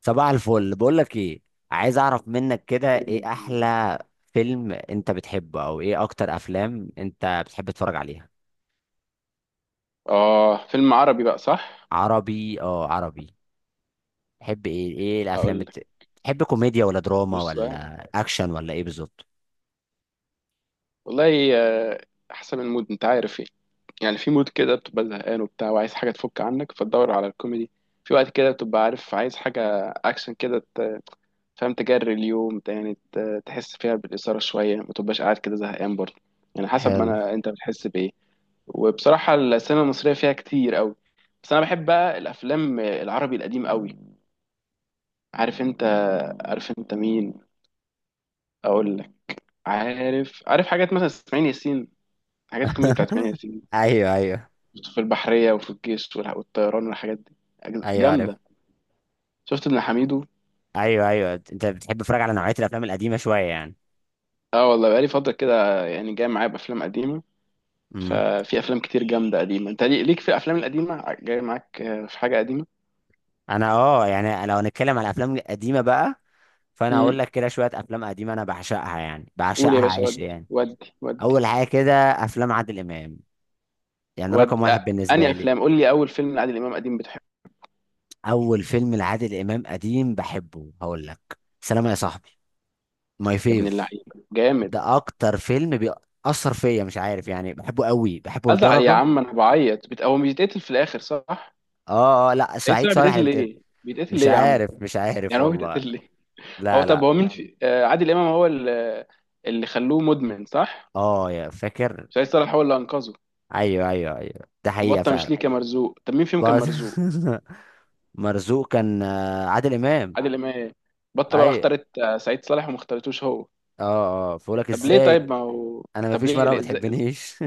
صباح الفل، بقول لك ايه. عايز اعرف منك كده ايه جميل. احلى فيلم انت بتحبه، او ايه اكتر افلام انت بتحب تتفرج عليها؟ اه فيلم عربي بقى صح. عربي، اه عربي. تحب ايه، اقول لك تحب كوميديا ولا دراما بص بقى ولا اكشن ولا ايه بالظبط؟ والله احسن من المود انت عارف ايه. يعني في مود كده بتبقى زهقان وبتاع وعايز حاجه تفك عنك فتدور على الكوميدي. في وقت كده بتبقى عارف عايز حاجه اكشن كده فاهم تجري اليوم يعني تحس فيها بالاثاره شويه ما تبقاش قاعد كده زهقان برضه. يعني حسب ما حلو. انت بتحس بايه. وبصراحه السينما المصريه فيها كتير قوي، بس انا بحب بقى الافلام العربي القديم قوي. عارف انت، عارف انت مين؟ اقول لك، عارف عارف حاجات مثلا اسماعيل ياسين، حاجات الكوميدي بتاعت اسماعيل ياسين ايوه، في البحرية وفي الجيش والطيران والحاجات دي. ايوه عارف. جامدة. شفت ابن حميدو؟ ايوه، انت بتحب تتفرج على نوعيه الافلام القديمه شويه يعني؟ اه والله بقالي فترة كده يعني جاي معايا بأفلام قديمة. امم ففي أفلام كتير جامدة قديمة. انت ليك في الأفلام القديمة جاي معاك في حاجة قديمة. انا يعني لو هنتكلم على الافلام القديمه بقى، فانا امم، هقول لك كده شويه افلام قديمه انا بعشقها، يعني قول يا بعشقها باشا. عشق ودي يعني. ودي ودي اول حاجه كده، افلام عادل امام، يعني رقم ودي واحد أه. أنهي بالنسبه لي. أفلام؟ قول لي أول فيلم لعادل إمام قديم بتحبه. اول فيلم لعادل امام قديم بحبه هقول لك، سلامه يا صاحبي ماي يا ابن فيف. اللعيبة جامد. ده اكتر فيلم بيأثر فيا، مش عارف يعني، بحبه قوي بحبه أزعل يا لدرجه. عم أنا بعيط هو بيتقتل في الآخر صح؟ اه لا، إيه سعيد سبب صالح بيتقتل اللي بتقول. ليه؟ بيتقتل مش ليه يا عم؟ عارف مش عارف يعني هو والله. بيتقتل ليه؟ هو لا طب لا. هو مين في عادل امام هو اللي، اللي خلوه مدمن صح؟ اه يا فاكر. سعيد صالح هو اللي انقذه. ايوه ايوه، ده حقيقه وبطه مش فعلا. ليه كان مرزوق؟ طب مين فيهم كان بس مرزوق؟ مرزوق كان عادل امام. عادل امام. بطه بقى ايوه. اختارت سعيد صالح وما اختارتوش هو. اه فبقول لك طب ليه؟ ازاي، طيب ما هو انا ما طب فيش ليه مره ما ازاي بتحبنيش.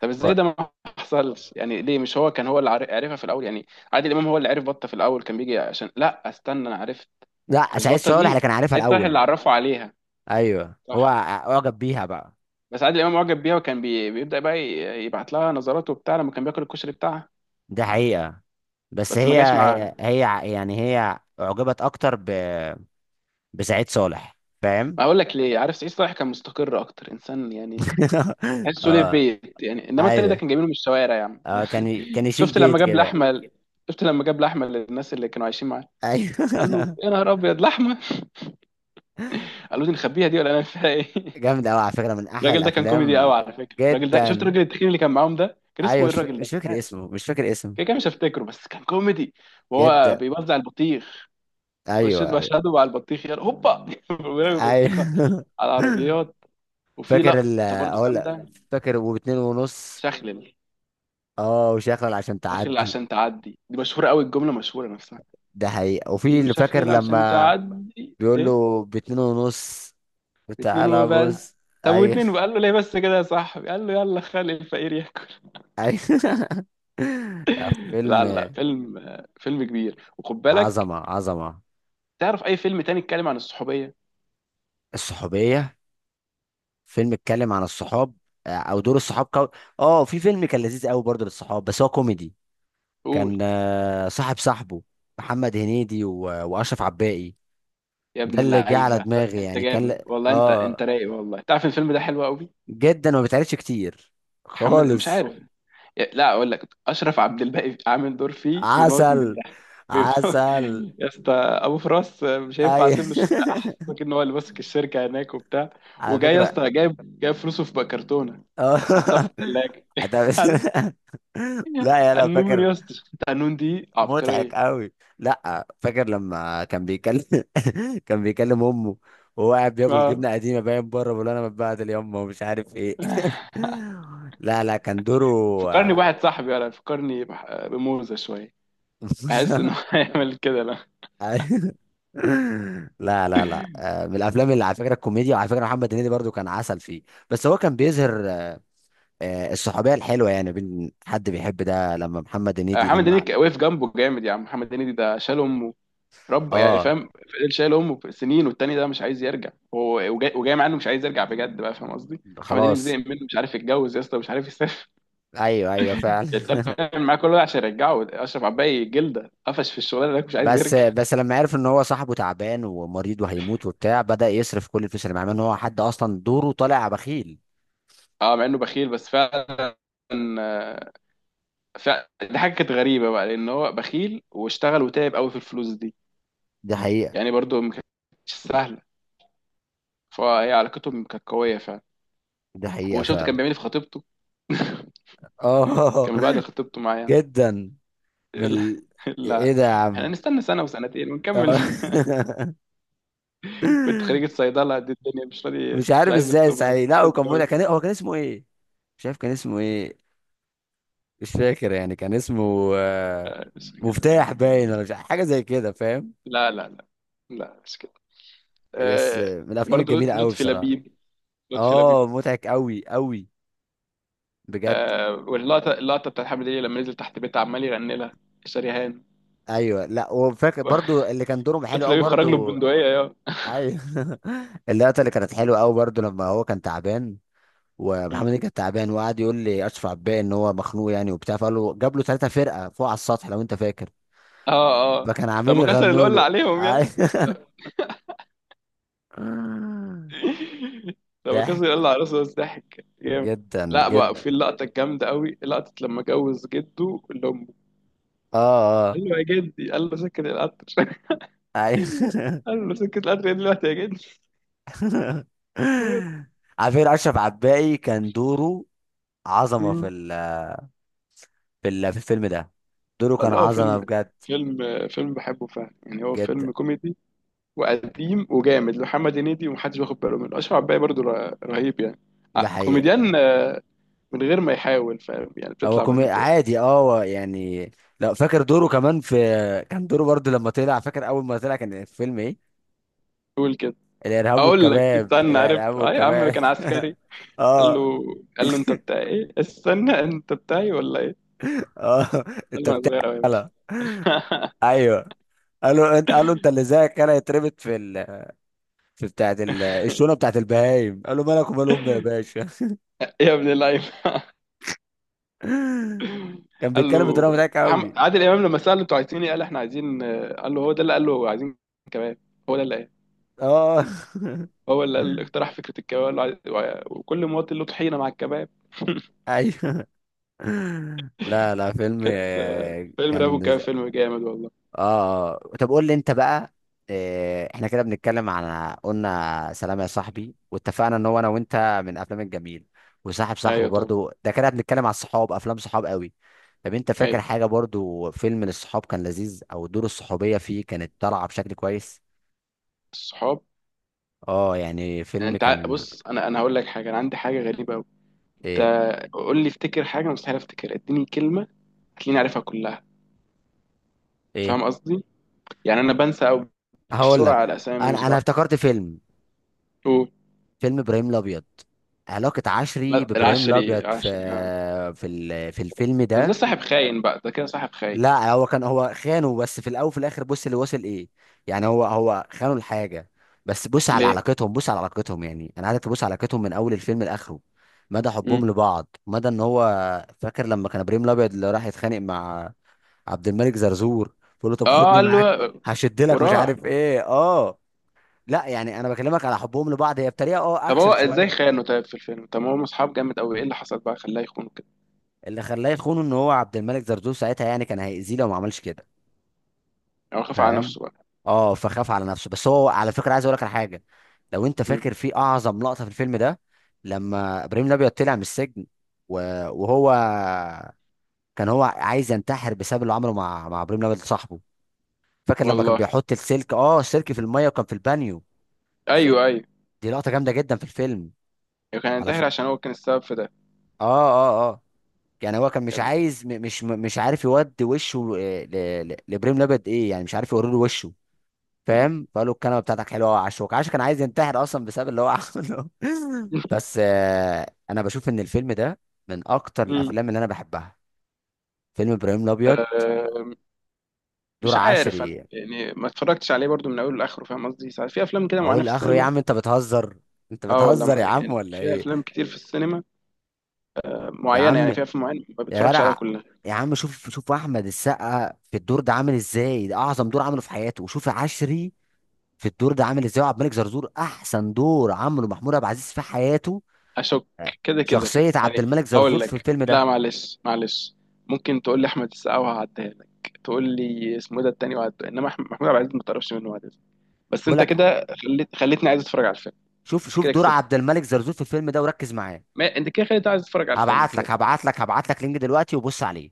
طب و- ازاي ده ما حصلش؟ يعني ليه مش هو كان هو اللي عارفها في الاول يعني؟ عادل امام هو اللي عرف بطه في الاول كان بيجي عشان لا استنى انا عرفت. لا، مش سعيد بطه صالح اللي دي؟ كان عارفها سعيد صالح اللي الاول. عرفه عليها ايوه، صح؟ اعجب بيها بقى. بس عادل امام معجب بيها، وكان بيبدا بقى يبعت لها نظرات وبتاع لما كان بياكل الكشري بتاعها، ده حقيقه. بس بس ما جاش معاها. يعني هي اعجبت بسعيد صالح، فاهم. ما اقول لك ليه؟ عارف سعيد صالح كان مستقر اكتر انسان يعني، تحسه ليه في اه. بيت يعني، انما التاني ده ايوه. كان جايبينه من الشوارع يا عم اه ده كان كان يشيل شفت لما بيت جاب كده. لحمه، شفت لما جاب لحمه للناس اللي كانوا عايشين معاه؟ قال له ايوه. يا نهار ابيض لحمه. قالوا دي نخبيها دي ولا انا فيها ايه؟ جامد قوي على فكره، من احلى الراجل ده كان كوميدي قوي الافلام. على فكره. الراجل ده، شفت جدا. الراجل التخين اللي كان معاهم ده كان ايوه اسمه ايه الراجل ده؟ مش مش فاكر عارف، اسمه مش فاكر اسمه كده كده مش هفتكره، بس كان كوميدي. وهو جدا. بيوزع البطيخ، مشيت ايوه. مشهدهم على البطيخ يلا هوبا ورمي بطيخه ايوه. على العربيات. وفي فاكر لقطه ال برضو اقول لك، جامده، فاكر وباتنين ونص. شخلل. اه، وشغل عشان شخلل تعدي. عشان تعدي، دي مشهوره قوي الجمله مشهوره نفسها. ده حقيقة. قال وفي له اللي فاكر شخلل عشان لما تعدي بيقول ايه؟ له باتنين ونص، اتنين وتعالى وبس. بص. طب ايوه. واتنين، وقال له ليه بس كده يا صاحبي؟ قال له يلا خلي الفقير ياكل. ايوه. لا فيلم. فيلم، فيلم كبير وخد بالك. عظمة عظمة. تعرف اي فيلم تاني اتكلم عن الصحوبيه؟ الصحوبية. فيلم اتكلم عن الصحاب، او دور اه، في فيلم كان لذيذ قوي برضه للصحاب بس هو كوميدي. كان قول صاحب صاحبه، محمد هنيدي واشرف عباقي. يا ابن ده اللي جه على اللعيبه، دماغي، انت جامد والله. انت اه انت رايق والله. تعرف الفيلم ده حلو قوي. جدا، وما بيتعرفش كتير محمد، مش خالص. عارف. لا اقول لك، اشرف عبد الباقي عامل دور فيه بيموت من عسل. الضحك. بيموت. عسل. يا اسطى ابو فراس مش هينفع اي. اسيب له الشغل احسن. ان هو اللي ماسك الشركه هناك وبتاع، على وجاي يا فكرة. اسطى جايب فلوسه في بقى كرتونه، حطها اه. في الثلاجه. ده بس- لا النون فاكر. يا اسطى، شفت النون دي مضحك عبقريه. قوي. لا فاكر لما كان بيكلم. كان بيكلم امه وهو قاعد بياكل اه، جبنه قديمه باين بره، بيقول له انا متبهدل يا امه ومش عارف ايه. لا لا، كان دوره. فكرني بواحد صاحبي انا، فكرني بموزه شويه. بحس انه هيعمل كده لا. أيوة. لا لا لا، من الافلام اللي على فكره الكوميديا، وعلى فكره محمد هنيدي برضو كان عسل فيه. بس هو كان بيظهر الصحوبيه الحلوه، يعني بين حد بيحب، ده لما محمد هنيدي محمد لما. هنيدي وقف جنبه جامد يا عم. محمد هنيدي ده شال امه، رب يعني اه. فاهم، فضل شايل امه سنين، والتاني ده مش عايز يرجع هو وجاي مع انه مش عايز يرجع بجد بقى فاهم قصدي. محمد هنيدي خلاص. زهق منه، مش عارف يتجوز يا اسطى، مش عارف يسافر. ايوه ايوه فعلا. يتكلم معاه كل ده عشان يرجعه. اشرف عباية جلده قفش في الشغلانه ده، مش عايز بس يرجع. بس لما عرف ان هو صاحبه تعبان ومريض وهيموت وبتاع، بدأ يصرف كل الفلوس اللي معاه، مع ان هو حد اصلا دوره طالع بخيل. اه، مع انه بخيل بس فعلا. فعلا دي حاجه كانت غريبه بقى، لان هو بخيل واشتغل وتعب قوي في الفلوس دي، دي حقيقه. يعني برضو ما كانتش سهله. فهي علاقتهم كانت قويه فعلا. دي حقيقه وشفت كان فعلا. بيعمل إيه في خطيبته؟ اه. كان بيبهدل خطيبته معايا. جدا. من لا، ال... ايه لا، ده يا احنا عم. نستنى سنة وسنتين ونكمل. اه. بنت خريجة صيدلة دي الدنيا، مش راضي مش مش عارف عايز ازاي يخطبها يعني. صحيح. مش لا هو عايز كان مولع، يتجوز. كان هو كان اسمه ايه؟ مش عارف كان اسمه ايه، مش فاكر يعني كان اسمه مش كده. مفتاح باين ولا مش عارف، حاجه زي كده، فاهم. لا، لا مش كده. يس، آه، من الافلام برضه الجميله قوي لطفي بصراحه. لبيب. لطفي لبيب. اه مضحك قوي قوي، بجد. آه، واللقطة، اللقطة بتاعت حامد هليل لما نزل تحت بيتها عمال يغني لها شريهان. ايوه، لا وفاكر برضو اللي كان دورهم حلو لطفي قوي لبيب خرج له برضو. ببندقية يا. ايوه. اللقطه اللي كانت حلوه قوي برضو لما هو كان تعبان، ومحمد هنيدي كان تعبان، وقعد يقول لي اشرف عباية ان هو مخنوق يعني وبتاع، فقال له جاب له ثلاثه فرقه فوق على السطح لو انت فاكر، اه ما كان عامل لما كسر يغنوا القلة له. عليهم يا، لما ضحك كسر قال لعروسه بس ضحك جامد. جدا لا بقى جدا. في اللقطة الجامدة قوي، لقطة لما جوز جده لأمه اه اه. قال له يا جدي، قال له سكت القطر. ايوه. قال له سكت القطر ايه دلوقتي يا جدي؟ على فكره اشرف عباقي كان دوره عظمه في الفيلم ده، دوره كان قال اه عظمه فيلم، بجد. فيلم، فيلم بحبه فعلا. يعني هو جدا. فيلم كوميدي وقديم وجامد لمحمد هنيدي، ومحدش واخد باله منه. أشرف عباية برضو رهيب يعني، ده حقيقه. كوميديان من غير ما يحاول فاهم يعني، هو بتطلع منه كومي كده. عادي، اه هو يعني لو فاكر دوره كمان في، كان دوره برضه لما طلع. فاكر اول ما طلع كان الفيلم ايه؟ قول كده. الارهاب اقول لك والكباب، استنى، الارهاب عرفت اه يا عم والكباب. كان عسكري. قال اه له، قال له انت بتاع ايه، استنى انت بتاعي ولا ايه؟ اه. قال انت له انا صغير قوي يا باشا. بتعمل. ايوه، قالوا انت، قالوا انت اللي زيك كده يتربط في بتاعه الشونه بتاعه البهايم، قالوا مالك ومال امي يا باشا. يا ابن اللعيبه. كان قال بيتكلم له، بطريقه مضحكه قوي. عادل امام لما ساله انتوا عايزين ايه، قال احنا عايزين. قال له هو ده اللي قال له عايزين كباب. هو ده اللي قال، اه. هو اللي اقترح فكره الكباب. قال له وكل مواطن له طحينه مع الكباب. ايوه. لا لا، فيلم كانت فيلم راب كان. والكباب فيلم جامد والله. اه، طب قول لي انت بقى. احنا كده بنتكلم عن، قلنا سلام يا صاحبي، واتفقنا ان هو انا وانت من افلام الجميل. وصاحب صاحبه ايوه طبعا. برضو ده كده، بنتكلم على الصحاب، افلام صحاب قوي. طب انت فاكر ايوه حاجة برضو فيلم للصحاب كان لذيذ، او دور الصحوبية فيه كانت طالعة بشكل كويس؟ الصحاب. اه يعني يعني فيلم انت كان بص انا هقول لك حاجه، انا عندي حاجه غريبه قوي. انت، ايه قول لي افتكر حاجه أنا مستحيل افتكر، اديني كلمه هتلاقيني عارفها كلها، ايه؟ فاهم قصدي؟ يعني انا بنسى او هقول بسرعه لك، على اسامي مش انا بعرف. افتكرت فيلم، أوه، فيلم ابراهيم الابيض. علاقة عشري ما- بابراهيم العشري، الابيض في، العشري آه. في الفيلم بس ده ده. صاحب خاين بقى، ده كده صاحب خاين. لا هو كان هو خانه بس في الاول، وفي الاخر بص اللي وصل ايه، يعني هو خانه الحاجه، بس بص على ليه؟ علاقتهم، بص على علاقتهم، يعني انا عايزك تبص على علاقتهم من اول الفيلم لاخره، مدى مم. حبهم لبعض، مدى ان هو. فاكر لما كان ابراهيم الابيض اللي راح يتخانق مع عبد الملك زرزور، بيقول له طب اه خدني قال له، معاك، هشد لك مش وراح. عارف ايه اه. لا يعني انا بكلمك على حبهم لبعض، هي بطريقه اه طب هو اكشن ازاي شويه. خانه طيب في الفيلم؟ طب ما هم اصحاب جامد قوي، ايه اللي حصل بقى خلاه يخونه كده؟ اللي خلاه يخونه ان هو عبد الملك زرزور ساعتها يعني كان هيأذيه لو ما عملش كده، يعني هو خاف على فاهم. نفسه بقى. اه فخاف على نفسه، بس هو على فكره عايز اقول لك على حاجه، لو انت مم. فاكر، في اعظم لقطه في الفيلم ده، لما ابراهيم الابيض طلع من السجن، وهو كان هو عايز ينتحر بسبب اللي عمله مع ابراهيم الابيض صاحبه. فاكر لما كان والله، بيحط السلك اه السلك في الميه، وكان في البانيو في... ايوه ايوه. دي لقطه جامده جدا في الفيلم. يعني كان على ف... ينتحر عشان هو كان السبب في ده؟ اه اه يعني هو كان يا مش ابني. عايز مش عارف يودي وشه لابراهيم الابيض ايه، يعني مش عارف يوري له وشه، مم. فاهم. فقال له الكلمه بتاعتك حلوه قوي يا عشوك، عاشو كان عايز ينتحر اصلا بسبب اللي هو عمله. بس انا بشوف ان الفيلم ده من اكتر مم. الافلام اللي انا بحبها، فيلم ابراهيم الابيض، آه، دور مش عارف انا عشري. يعني ما اتفرجتش عليه برضو من اوله لاخره، فاهم قصدي؟ ساعات في افلام كده معينه اقول في لاخره يا السينما. عم، انت بتهزر، انت اه والله بتهزر يا ما-، عم يعني ولا في ايه؟ افلام كتير في السينما يا معينه، عم، يعني في افلام معينه ما يا بتفرجش عليها جدع، كلها. يا عم شوف، شوف احمد السقا في الدور ده عامل ازاي، ده اعظم دور عمله في حياته. وشوف عشري في الدور ده عامل ازاي. وعبد الملك زرزور احسن دور عمله محمود عبد العزيز في حياته، اشك. آه، كده كده. شخصيه عبد يعني الملك زرزور هقول في لك الفيلم لا، ده. معلش. ممكن تقول لي احمد السقا وهعديها لك، تقول لي اسمه إيه ده التاني وهعديها، انما محمود عبد العزيز ما تعرفش منه وهعديها لك. بس بقول انت لك، كده خليتني عايز اتفرج على الفيلم. شوف، انت شوف كده دور كسبت. عبد الملك زرزور في الفيلم ده وركز معاه. ما... انت كده خليتني عايز اتفرج على الفيلم هبعت كده لك كده. هبعت لك هبعت لك لينك دلوقتي وبص عليه،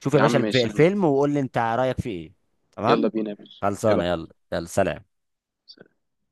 شوف يا يا باشا عم ماشي انا. الفيلم، وقول لي انت رايك فيه ايه. يلا تمام، بينا يا باشا، ايه خلصانه، بقى؟ يلا يلا سلام.